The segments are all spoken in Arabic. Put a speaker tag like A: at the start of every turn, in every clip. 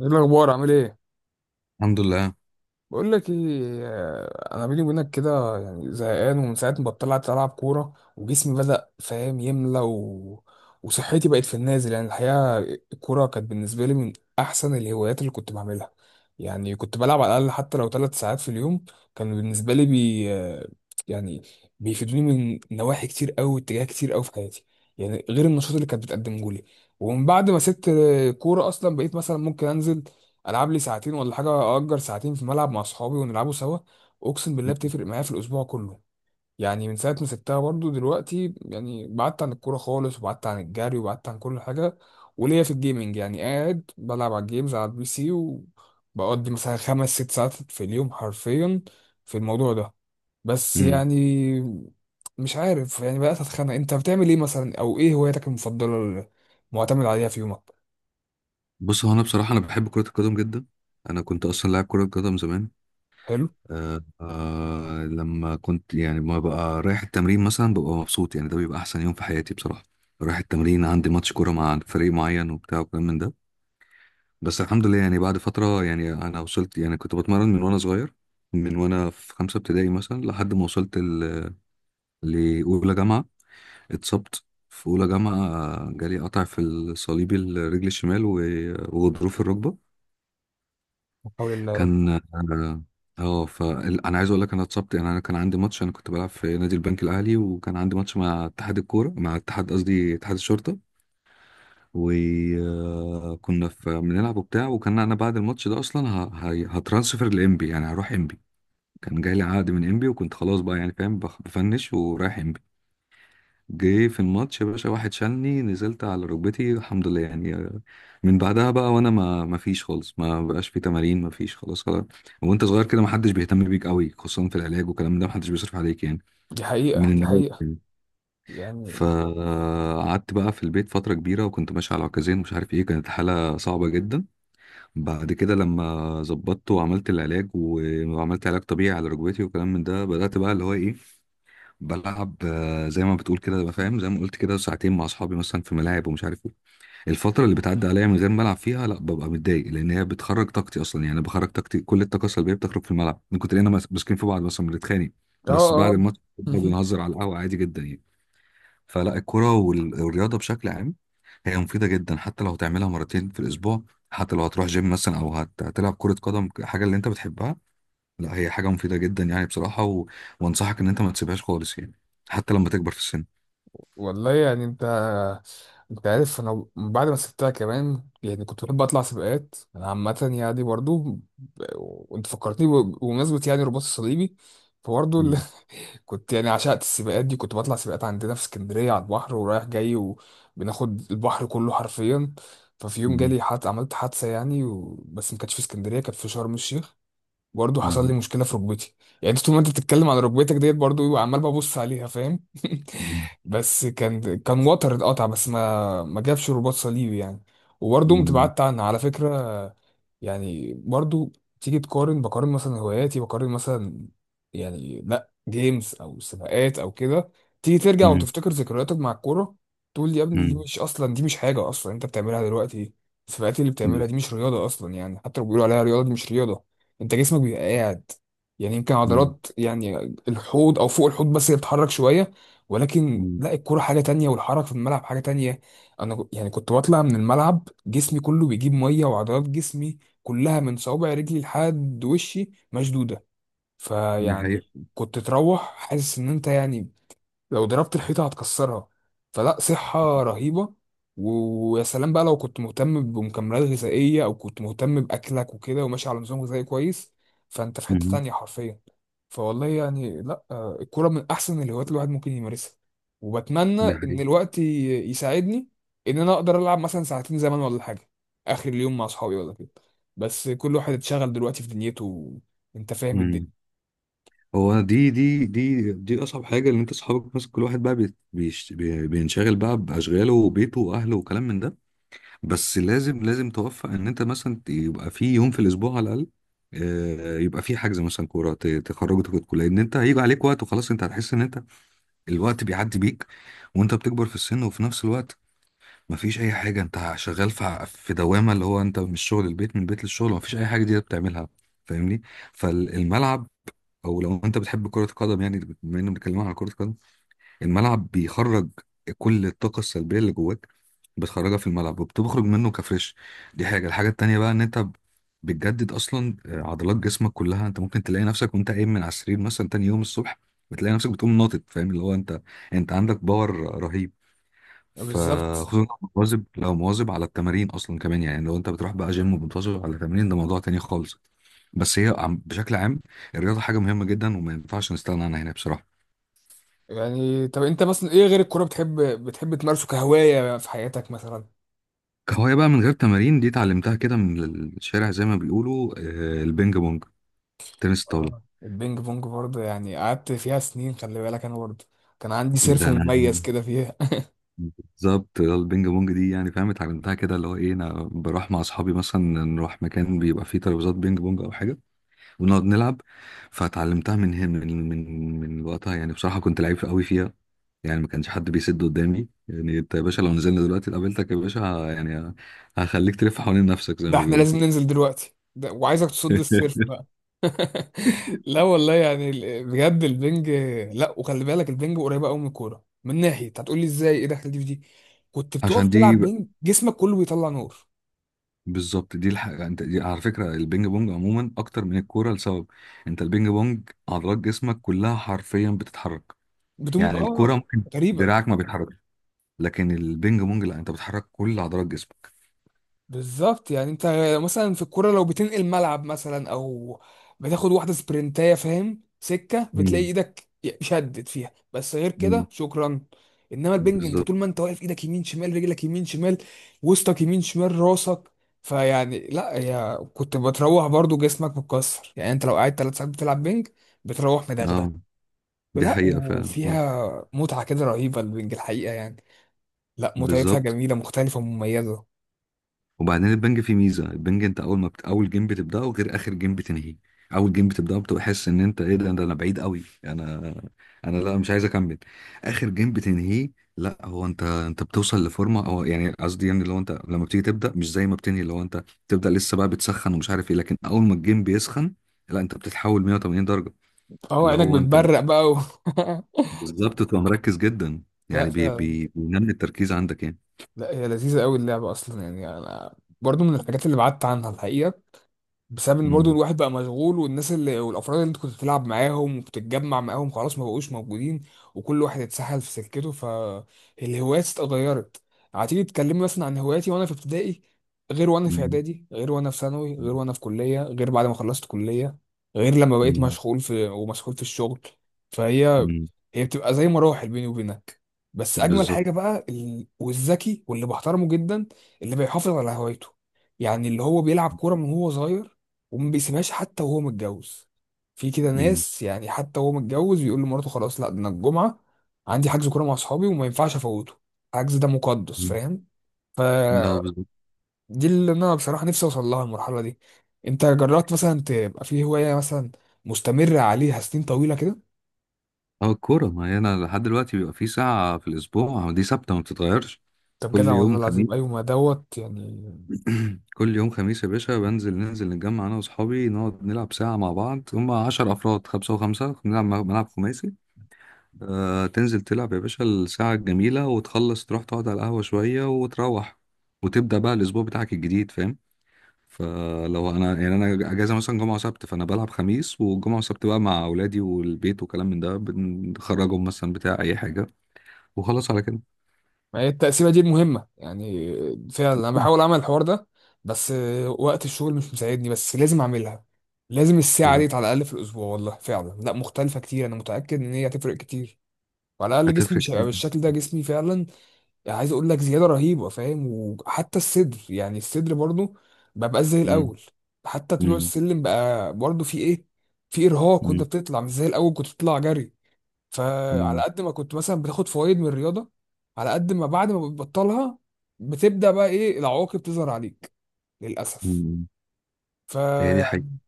A: ايه الاخبار؟ عامل ايه؟
B: الحمد لله.
A: بقول لك ايه. انا بيني وبينك كده يعني زهقان، ومن ساعه ما بطلعت العب كوره وجسمي بدا فاهم يملى وصحتي بقت في النازل يعني الحقيقه. الكوره كانت بالنسبه لي من احسن الهوايات اللي كنت بعملها، يعني كنت بلعب على الاقل حتى لو 3 ساعات في اليوم. كان بالنسبه لي بي... آه، يعني بيفيدوني من نواحي كتير قوي، اتجاه كتير قوي في حياتي، يعني غير النشاط اللي كانت بتقدمه لي. ومن بعد ما سبت كوره اصلا بقيت مثلا ممكن انزل العب لي ساعتين ولا حاجه، اجر ساعتين في ملعب مع اصحابي ونلعبوا سوا. اقسم بالله بتفرق معايا في الاسبوع كله. يعني من ساعه ما سبتها برضو دلوقتي يعني بعدت عن الكوره خالص، وبعدت عن الجري، وبعدت عن كل حاجه. وليا في الجيمنج، يعني قاعد بلعب على الجيمز على البي سي، وبقضي مثلا خمس ست ساعات في اليوم حرفيا في الموضوع ده. بس
B: امم
A: يعني مش عارف، يعني بقيت اتخانق. انت بتعمل ايه مثلا، او ايه هوايتك المفضله اللي معتمد عليها في يومك؟
B: بص، هو انا بصراحه بحب كره القدم جدا. انا كنت اصلا لاعب كره قدم زمان.
A: حلو.
B: آه، آه، لما كنت، يعني، ما بقى رايح التمرين مثلا ببقى مبسوط، يعني ده بيبقى احسن يوم في حياتي بصراحه. رايح التمرين عندي ماتش كوره مع فريق معين وبتاع وكلام من ده. بس الحمد لله، يعني بعد فتره، يعني انا وصلت، يعني كنت بتمرن من وانا صغير، من وانا في خمسه ابتدائي مثلا لحد ما وصلت لاولى جامعه. اتصبت في اولى جامعه، جالي قطع في الصليبي الرجل الشمال و- وغضروف الركبه.
A: حول الله يا رب.
B: كان اه آه، ف انا عايز اقول لك، انا اتصبت، يعني انا كان عندي ماتش، انا كنت بلعب في نادي البنك الاهلي وكان عندي ماتش مع اتحاد الكوره، مع اتحاد، قصدي اتحاد الشرطه. وكنا بنلعب وبتاع، وكان انا بعد الماتش ده اصلا هترانسفر لامبي، يعني هروح امبي. كان جاي لي عقد من امبي وكنت خلاص بقى، يعني فاهم، بفنش ورايح امبي. جه في الماتش يا باشا واحد شالني، نزلت على ركبتي، الحمد لله يعني. من بعدها بقى، وانا ما فيش خالص، ما بقاش في تمارين، ما فيش، خلاص خلاص. وانت صغير كده ما حدش بيهتم بيك قوي، خصوصا في العلاج والكلام ده، ما حدش بيصرف عليك، يعني
A: دي
B: من
A: حقيقه، دي
B: النوادي
A: حقيقه.
B: يعني.
A: يعني
B: فقعدت بقى في البيت فترة كبيرة، وكنت ماشي على عكازين، مش عارف ايه، كانت حالة صعبة جدا. بعد كده لما ظبطت وعملت العلاج وعملت علاج طبيعي على ركبتي وكلام من ده، بدأت بقى اللي هو ايه، بلعب زي ما بتقول كده، ببقى فاهم زي ما قلت كده ساعتين مع اصحابي مثلا في ملاعب ومش عارف ايه. الفتره اللي بتعدي عليا من غير ما العب فيها لا ببقى متضايق، لان هي بتخرج طاقتي اصلا. يعني أنا بخرج طاقتي، كل الطاقه السلبيه بتخرج في الملعب، من كتر اننا ماسكين في بعض مثلا، بنتخانق.
A: اه
B: بس
A: اه.
B: بعد الماتش بنقعد ونهزر على القهوه عادي جدا يعني. فلا الكره والرياضه بشكل عام هي مفيده جدا، حتى لو هتعملها مرتين في الاسبوع، حتى لو هتروح جيم مثلا او هتلعب كره قدم، حاجه اللي انت بتحبها. لا هي حاجه مفيده جدا يعني بصراحه. وانصحك ان انت ما تسيبهاش خالص يعني، حتى لما تكبر في السن.
A: والله يعني انت، انت عارف انا بعد ما سبتها كمان يعني كنت بحب اطلع سباقات انا عامه يعني برضو وانت فكرتني بمناسبه يعني الرباط الصليبي، فبرضو
B: مم.
A: كنت يعني عشقت السباقات دي، كنت بطلع سباقات عندنا في اسكندريه على البحر ورايح جاي، وبناخد البحر كله حرفيا. ففي يوم
B: مم.
A: جالي حد، عملت حادثه يعني بس ما كانتش في اسكندريه، كانت في شرم الشيخ. برضه حصل
B: مم.
A: لي مشكله في ركبتي. يعني انت طول ما انت بتتكلم على ركبتك ديت برضه ببقى عمال ببص عليها فاهم.
B: مم.
A: بس كان وتر اتقطع، بس ما جابش رباط صليبي يعني. وبرضه قمت
B: مم.
A: بعدت عنها على فكره. يعني برضو تيجي تقارن، بقارن مثلا هواياتي، بقارن مثلا يعني لا جيمز او سباقات او كده، تيجي ترجع
B: مم.
A: وتفتكر ذكرياتك مع الكوره، تقول لي يا ابني دي مش اصلا، دي مش حاجه اصلا انت بتعملها دلوقتي. السباقات اللي
B: مم.
A: بتعملها دي مش رياضه اصلا، يعني حتى لو بيقولوا عليها رياضه دي مش رياضه. انت جسمك بيبقى قاعد، يعني يمكن
B: مم.
A: عضلات يعني الحوض او فوق الحوض بس اللي بتتحرك شويه، ولكن
B: مم.
A: لا الكوره حاجه تانية، والحركه في الملعب حاجه تانية. انا يعني كنت بطلع من الملعب جسمي كله بيجيب ميه، وعضلات جسمي كلها من صوابع رجلي لحد وشي مشدوده.
B: دي حقيقة.
A: فيعني كنت تروح حاسس ان انت يعني لو ضربت الحيطة هتكسرها. فلا، صحة رهيبة. ويا سلام بقى لو كنت مهتم بمكملات غذائية، أو كنت مهتم بأكلك وكده وماشي على نظام غذائي كويس، فأنت في حتة
B: مم.
A: تانية حرفيا. فوالله يعني لا الكورة من أحسن الهوايات الواحد ممكن يمارسها. وبتمنى
B: دي
A: إن
B: حقيقة.
A: الوقت يساعدني إن أنا أقدر ألعب مثلا ساعتين زمان ولا حاجة آخر اليوم مع أصحابي ولا كده، بس كل واحد اتشغل دلوقتي في دنيته. أنت فاهم
B: مم.
A: الدنيا.
B: هو دي أصعب حاجة، إن أنت أصحابك مثلا كل واحد بقى بينشغل بقى بأشغاله وبيته وأهله وكلام من ده. بس لازم لازم توفق إن أنت مثلا يبقى في يوم في الأسبوع على الأقل، يبقى في حجز مثلا كورة تخرجوا تاخدوا. لأن أنت هيجي عليك وقت وخلاص، أنت هتحس إن أنت الوقت بيعدي بيك، وأنت بتكبر في السن، وفي نفس الوقت مفيش اي حاجه، انت شغال في في دوامه، اللي هو انت من الشغل البيت، من البيت للشغل، مفيش اي حاجه دي بتعملها. فاهمني؟ فالملعب، او لو انت بتحب كره القدم، يعني بما اننا بنتكلم عن كره القدم، الملعب بيخرج كل الطاقه السلبيه اللي جواك، بتخرجها في الملعب وبتخرج منه كفريش. دي حاجه. الحاجه التانيه بقى ان انت بتجدد اصلا عضلات جسمك كلها. انت ممكن تلاقي نفسك وانت قايم من على السرير مثلا تاني يوم الصبح، بتلاقي نفسك بتقوم ناطط، فاهم اللي هو انت عندك باور رهيب.
A: بالظبط.
B: فخصوصا لو مواظب، على التمارين اصلا كمان، يعني لو انت بتروح بقى جيم وبتواظب على التمارين ده موضوع تاني خالص. بس هي بشكل عام الرياضه حاجه مهمه جدا وما ينفعش نستغنى عنها هنا بصراحه.
A: يعني طب انت مثلا ايه غير الكوره بتحب تمارسه كهوايه في حياتك مثلا؟
B: كهوايه بقى، من غير تمارين، دي اتعلمتها كده من الشارع، زي ما بيقولوا، البينج بونج، تنس الطاوله.
A: آه، البينج بونج برضه يعني قعدت فيها سنين. خلي بالك انا برضه كان عندي سيرف
B: ده انا،
A: مميز كده فيها.
B: بالظبط، البينج بونج دي يعني فاهم اتعلمتها كده، اللي هو ايه، انا بروح مع اصحابي مثلا، نروح مكان بيبقى فيه ترابيزات بينج بونج او حاجه ونقعد نلعب. فاتعلمتها من هنا، من وقتها، يعني بصراحة كنت لعيب قوي فيها، يعني ما كانش حد بيسد قدامي. يعني انت يا باشا، لو نزلنا دلوقتي قابلتك يا باشا، هخليك تلف حوالين نفسك زي
A: ده
B: ما
A: احنا
B: بيقولوا.
A: لازم ننزل دلوقتي ده، وعايزك تصد السيرف بقى. لا والله، يعني بجد البنج. لا، وخلي بالك البنج قريبه قوي من الكوره من ناحيه، هتقول لي ازاي، ايه دخل دي في دي؟ كنت بتقف
B: عشان دي
A: تلعب بنج جسمك كله بيطلع نور.
B: بالظبط، دي الحاجة، انت دي على فكرة البينج بونج عموما اكتر من الكورة لسبب: انت البينج بونج عضلات جسمك كلها حرفيا بتتحرك.
A: بتقوم
B: يعني
A: اه.
B: الكورة ممكن
A: غريبه.
B: دراعك ما بيتحركش، لكن البينج بونج لا، انت بتحرك كل عضلات جسمك.
A: بالظبط. يعني انت مثلا في الكوره لو بتنقل ملعب مثلا، او بتاخد واحده سبرنتايه فاهم سكه، بتلاقي
B: امم
A: ايدك شدت فيها، بس غير كده شكرا. انما البنج انت
B: بالظبط.
A: طول ما انت واقف، ايدك يمين شمال، رجلك يمين شمال، وسطك يمين شمال، راسك. فيعني لا يا، كنت بتروح برضو جسمك متكسر. يعني انت لو قاعد 3 ساعات بتلعب بنج بتروح مدغدغ.
B: اه، دي
A: لا،
B: حقيقة فعلا.
A: وفيها متعه كده رهيبه البنج الحقيقه يعني. لا متعتها
B: بالظبط.
A: جميله مختلفه ومميزه.
B: وبعدين البنج فيه ميزة، البنج انت اول ما اول جيم بتبدأه غير اخر جيم بتنهيه. اول جيم بتبدأه بتبقى حاسس ان انت ايه ده، انا بعيد قوي، انا، انا لا مش عايز اكمل. اخر جيم بتنهيه لا، هو انت، بتوصل لفورمة، او يعني قصدي، يعني لو انت لما بتيجي تبدأ مش زي ما بتنهي، لو انت بتبدأ لسه بقى بتسخن ومش عارف ايه، لكن اول ما الجيم بيسخن لا، انت بتتحول 180 درجة.
A: اه
B: اللي
A: عينك
B: هو انت
A: بتبرق بقى
B: بالظبط، تبقى مركز جدا،
A: لا
B: يعني
A: فعلا.
B: بينمي التركيز عندك يعني.
A: لا هي لذيذة قوي اللعبة أصلا، يعني أنا برضو من الحاجات اللي بعدت عنها الحقيقة، بسبب ان برضه
B: مم.
A: الواحد بقى مشغول، والناس اللي والافراد اللي انت كنت بتلعب معاهم وبتتجمع معاهم خلاص ما بقوش موجودين، وكل واحد اتسحل في سكته، فالهوايات اتغيرت. هتيجي تتكلمي مثلا عن هواياتي وانا في ابتدائي غير وانا في
B: مم.
A: اعدادي غير وانا في ثانوي غير وانا في كليه غير بعد ما خلصت كليه، غير لما بقيت
B: مم.
A: مشغول في ومسحول في الشغل. فهي
B: مم.
A: هي بتبقى زي مراحل بيني وبينك. بس اجمل
B: بالظبط.
A: حاجه بقى والذكي واللي بحترمه جدا اللي بيحافظ على هوايته، يعني اللي هو بيلعب كوره من هو صغير وما بيسيبهاش حتى وهو متجوز. في كده
B: مم.
A: ناس يعني حتى وهو متجوز يقول لمراته خلاص لا ده انا الجمعه عندي حجز كوره مع اصحابي وما ينفعش افوته. الحجز ده مقدس،
B: مم.
A: فاهم.
B: لا،
A: فدي
B: بالظبط.
A: اللي انا بصراحه نفسي اوصل لها المرحله دي. انت جربت مثلا تبقى في هوايه مثلا مستمر عليها سنين طويله كده؟
B: اه، الكورة، ما هي انا لحد دلوقتي بيبقى في ساعة في الأسبوع، دي ثابتة ما بتتغيرش.
A: طب
B: كل
A: جدع، والله
B: يوم خميس،
A: العظيم ايوه ما دوت يعني.
B: يا باشا، ننزل نتجمع أنا وأصحابي، نقعد نلعب ساعة مع بعض، هما 10 أفراد، خمسة وخمسة، بنلعب ملعب خماسي. تنزل تلعب يا باشا الساعة الجميلة وتخلص، تروح تقعد على القهوة شوية وتروح، وتبدأ بقى الأسبوع بتاعك الجديد، فاهم؟ فلو انا، يعني انا اجازه مثلا جمعه وسبت، فانا بلعب خميس، والجمعه وسبت بقى مع اولادي والبيت وكلام من ده، بنخرجهم مثلا بتاع اي حاجه، وخلاص على كده.
A: ما هي التقسيمه دي المهمه يعني. فعلا انا بحاول اعمل الحوار ده، بس وقت الشغل مش مساعدني، بس لازم اعملها، لازم الساعه
B: مم.
A: دي على الاقل في الاسبوع. والله فعلا لا مختلفه كتير، انا متاكد ان هي هتفرق كتير، وعلى الاقل جسمي
B: هتفرق
A: مش
B: كتير
A: هيبقى
B: جدا.
A: بالشكل ده، جسمي فعلا يعني عايز اقول لك زياده رهيبه فاهم. وحتى الصدر يعني الصدر برضه ببقى زي
B: مم.
A: الاول. حتى طلوع
B: مم.
A: السلم بقى برضه في ايه، في ارهاق وانت
B: مم.
A: بتطلع، مش زي الاول كنت بتطلع جري. فعلى
B: مم.
A: قد ما كنت مثلا بتاخد فوائد من الرياضه، على قد ما بعد ما بتبطلها بتبدا بقى ايه العواقب تظهر عليك، للاسف.
B: مم. هي دي.
A: فيعني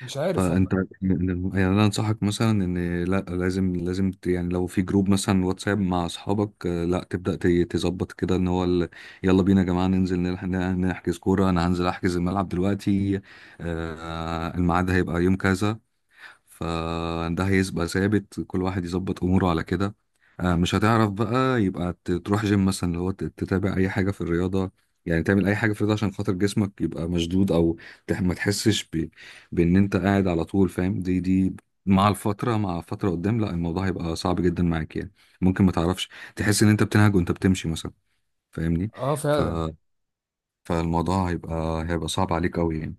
A: مش عارف والله.
B: فانت، يعني، انا انصحك مثلا ان لا، لازم لازم يعني لو في جروب مثلا واتساب مع اصحابك، لا تبدا تظبط كده ان هو يلا بينا يا جماعه، ننزل نحجز كوره، انا هنزل احجز الملعب دلوقتي، الميعاد هيبقى يوم كذا. فده هيبقى ثابت، كل واحد يظبط اموره على كده، مش هتعرف بقى يبقى تروح جيم مثلا، اللي هو تتابع اي حاجه في الرياضه، يعني تعمل اي حاجه في الرياضه عشان خاطر جسمك يبقى مشدود، او ما تحسش بان انت قاعد على طول. فاهم؟ دي مع فتره قدام، لا الموضوع هيبقى صعب جدا معاك يعني، ممكن ما تعرفش، تحس ان انت بتنهج وانت بتمشي مثلا، فاهمني؟
A: اه
B: ف...
A: فعلا.
B: فالموضوع هيبقى صعب عليك قوي يعني.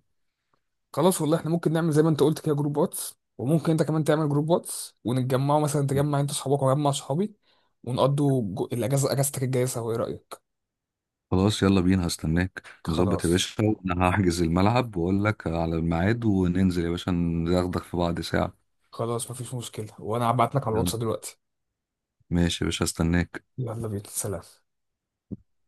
A: خلاص والله احنا ممكن نعمل زي ما انت قلت كده جروب واتس، وممكن انت كمان تعمل جروب واتس ونتجمعوا، مثلا تجمع انت صحابك واجمع صحابي، ونقضوا الاجازه، اجازتك الجايه سوا، ايه رايك؟
B: خلاص، يلا بينا، هستناك نظبط يا
A: خلاص،
B: باشا، انا هحجز الملعب واقول لك على الميعاد، وننزل يا باشا ناخدك في بعض ساعة.
A: خلاص مفيش مشكله، وانا هبعت لك على
B: يلا،
A: الواتس دلوقتي.
B: ماشي يا باشا، هستناك.
A: يلا بينا، سلام.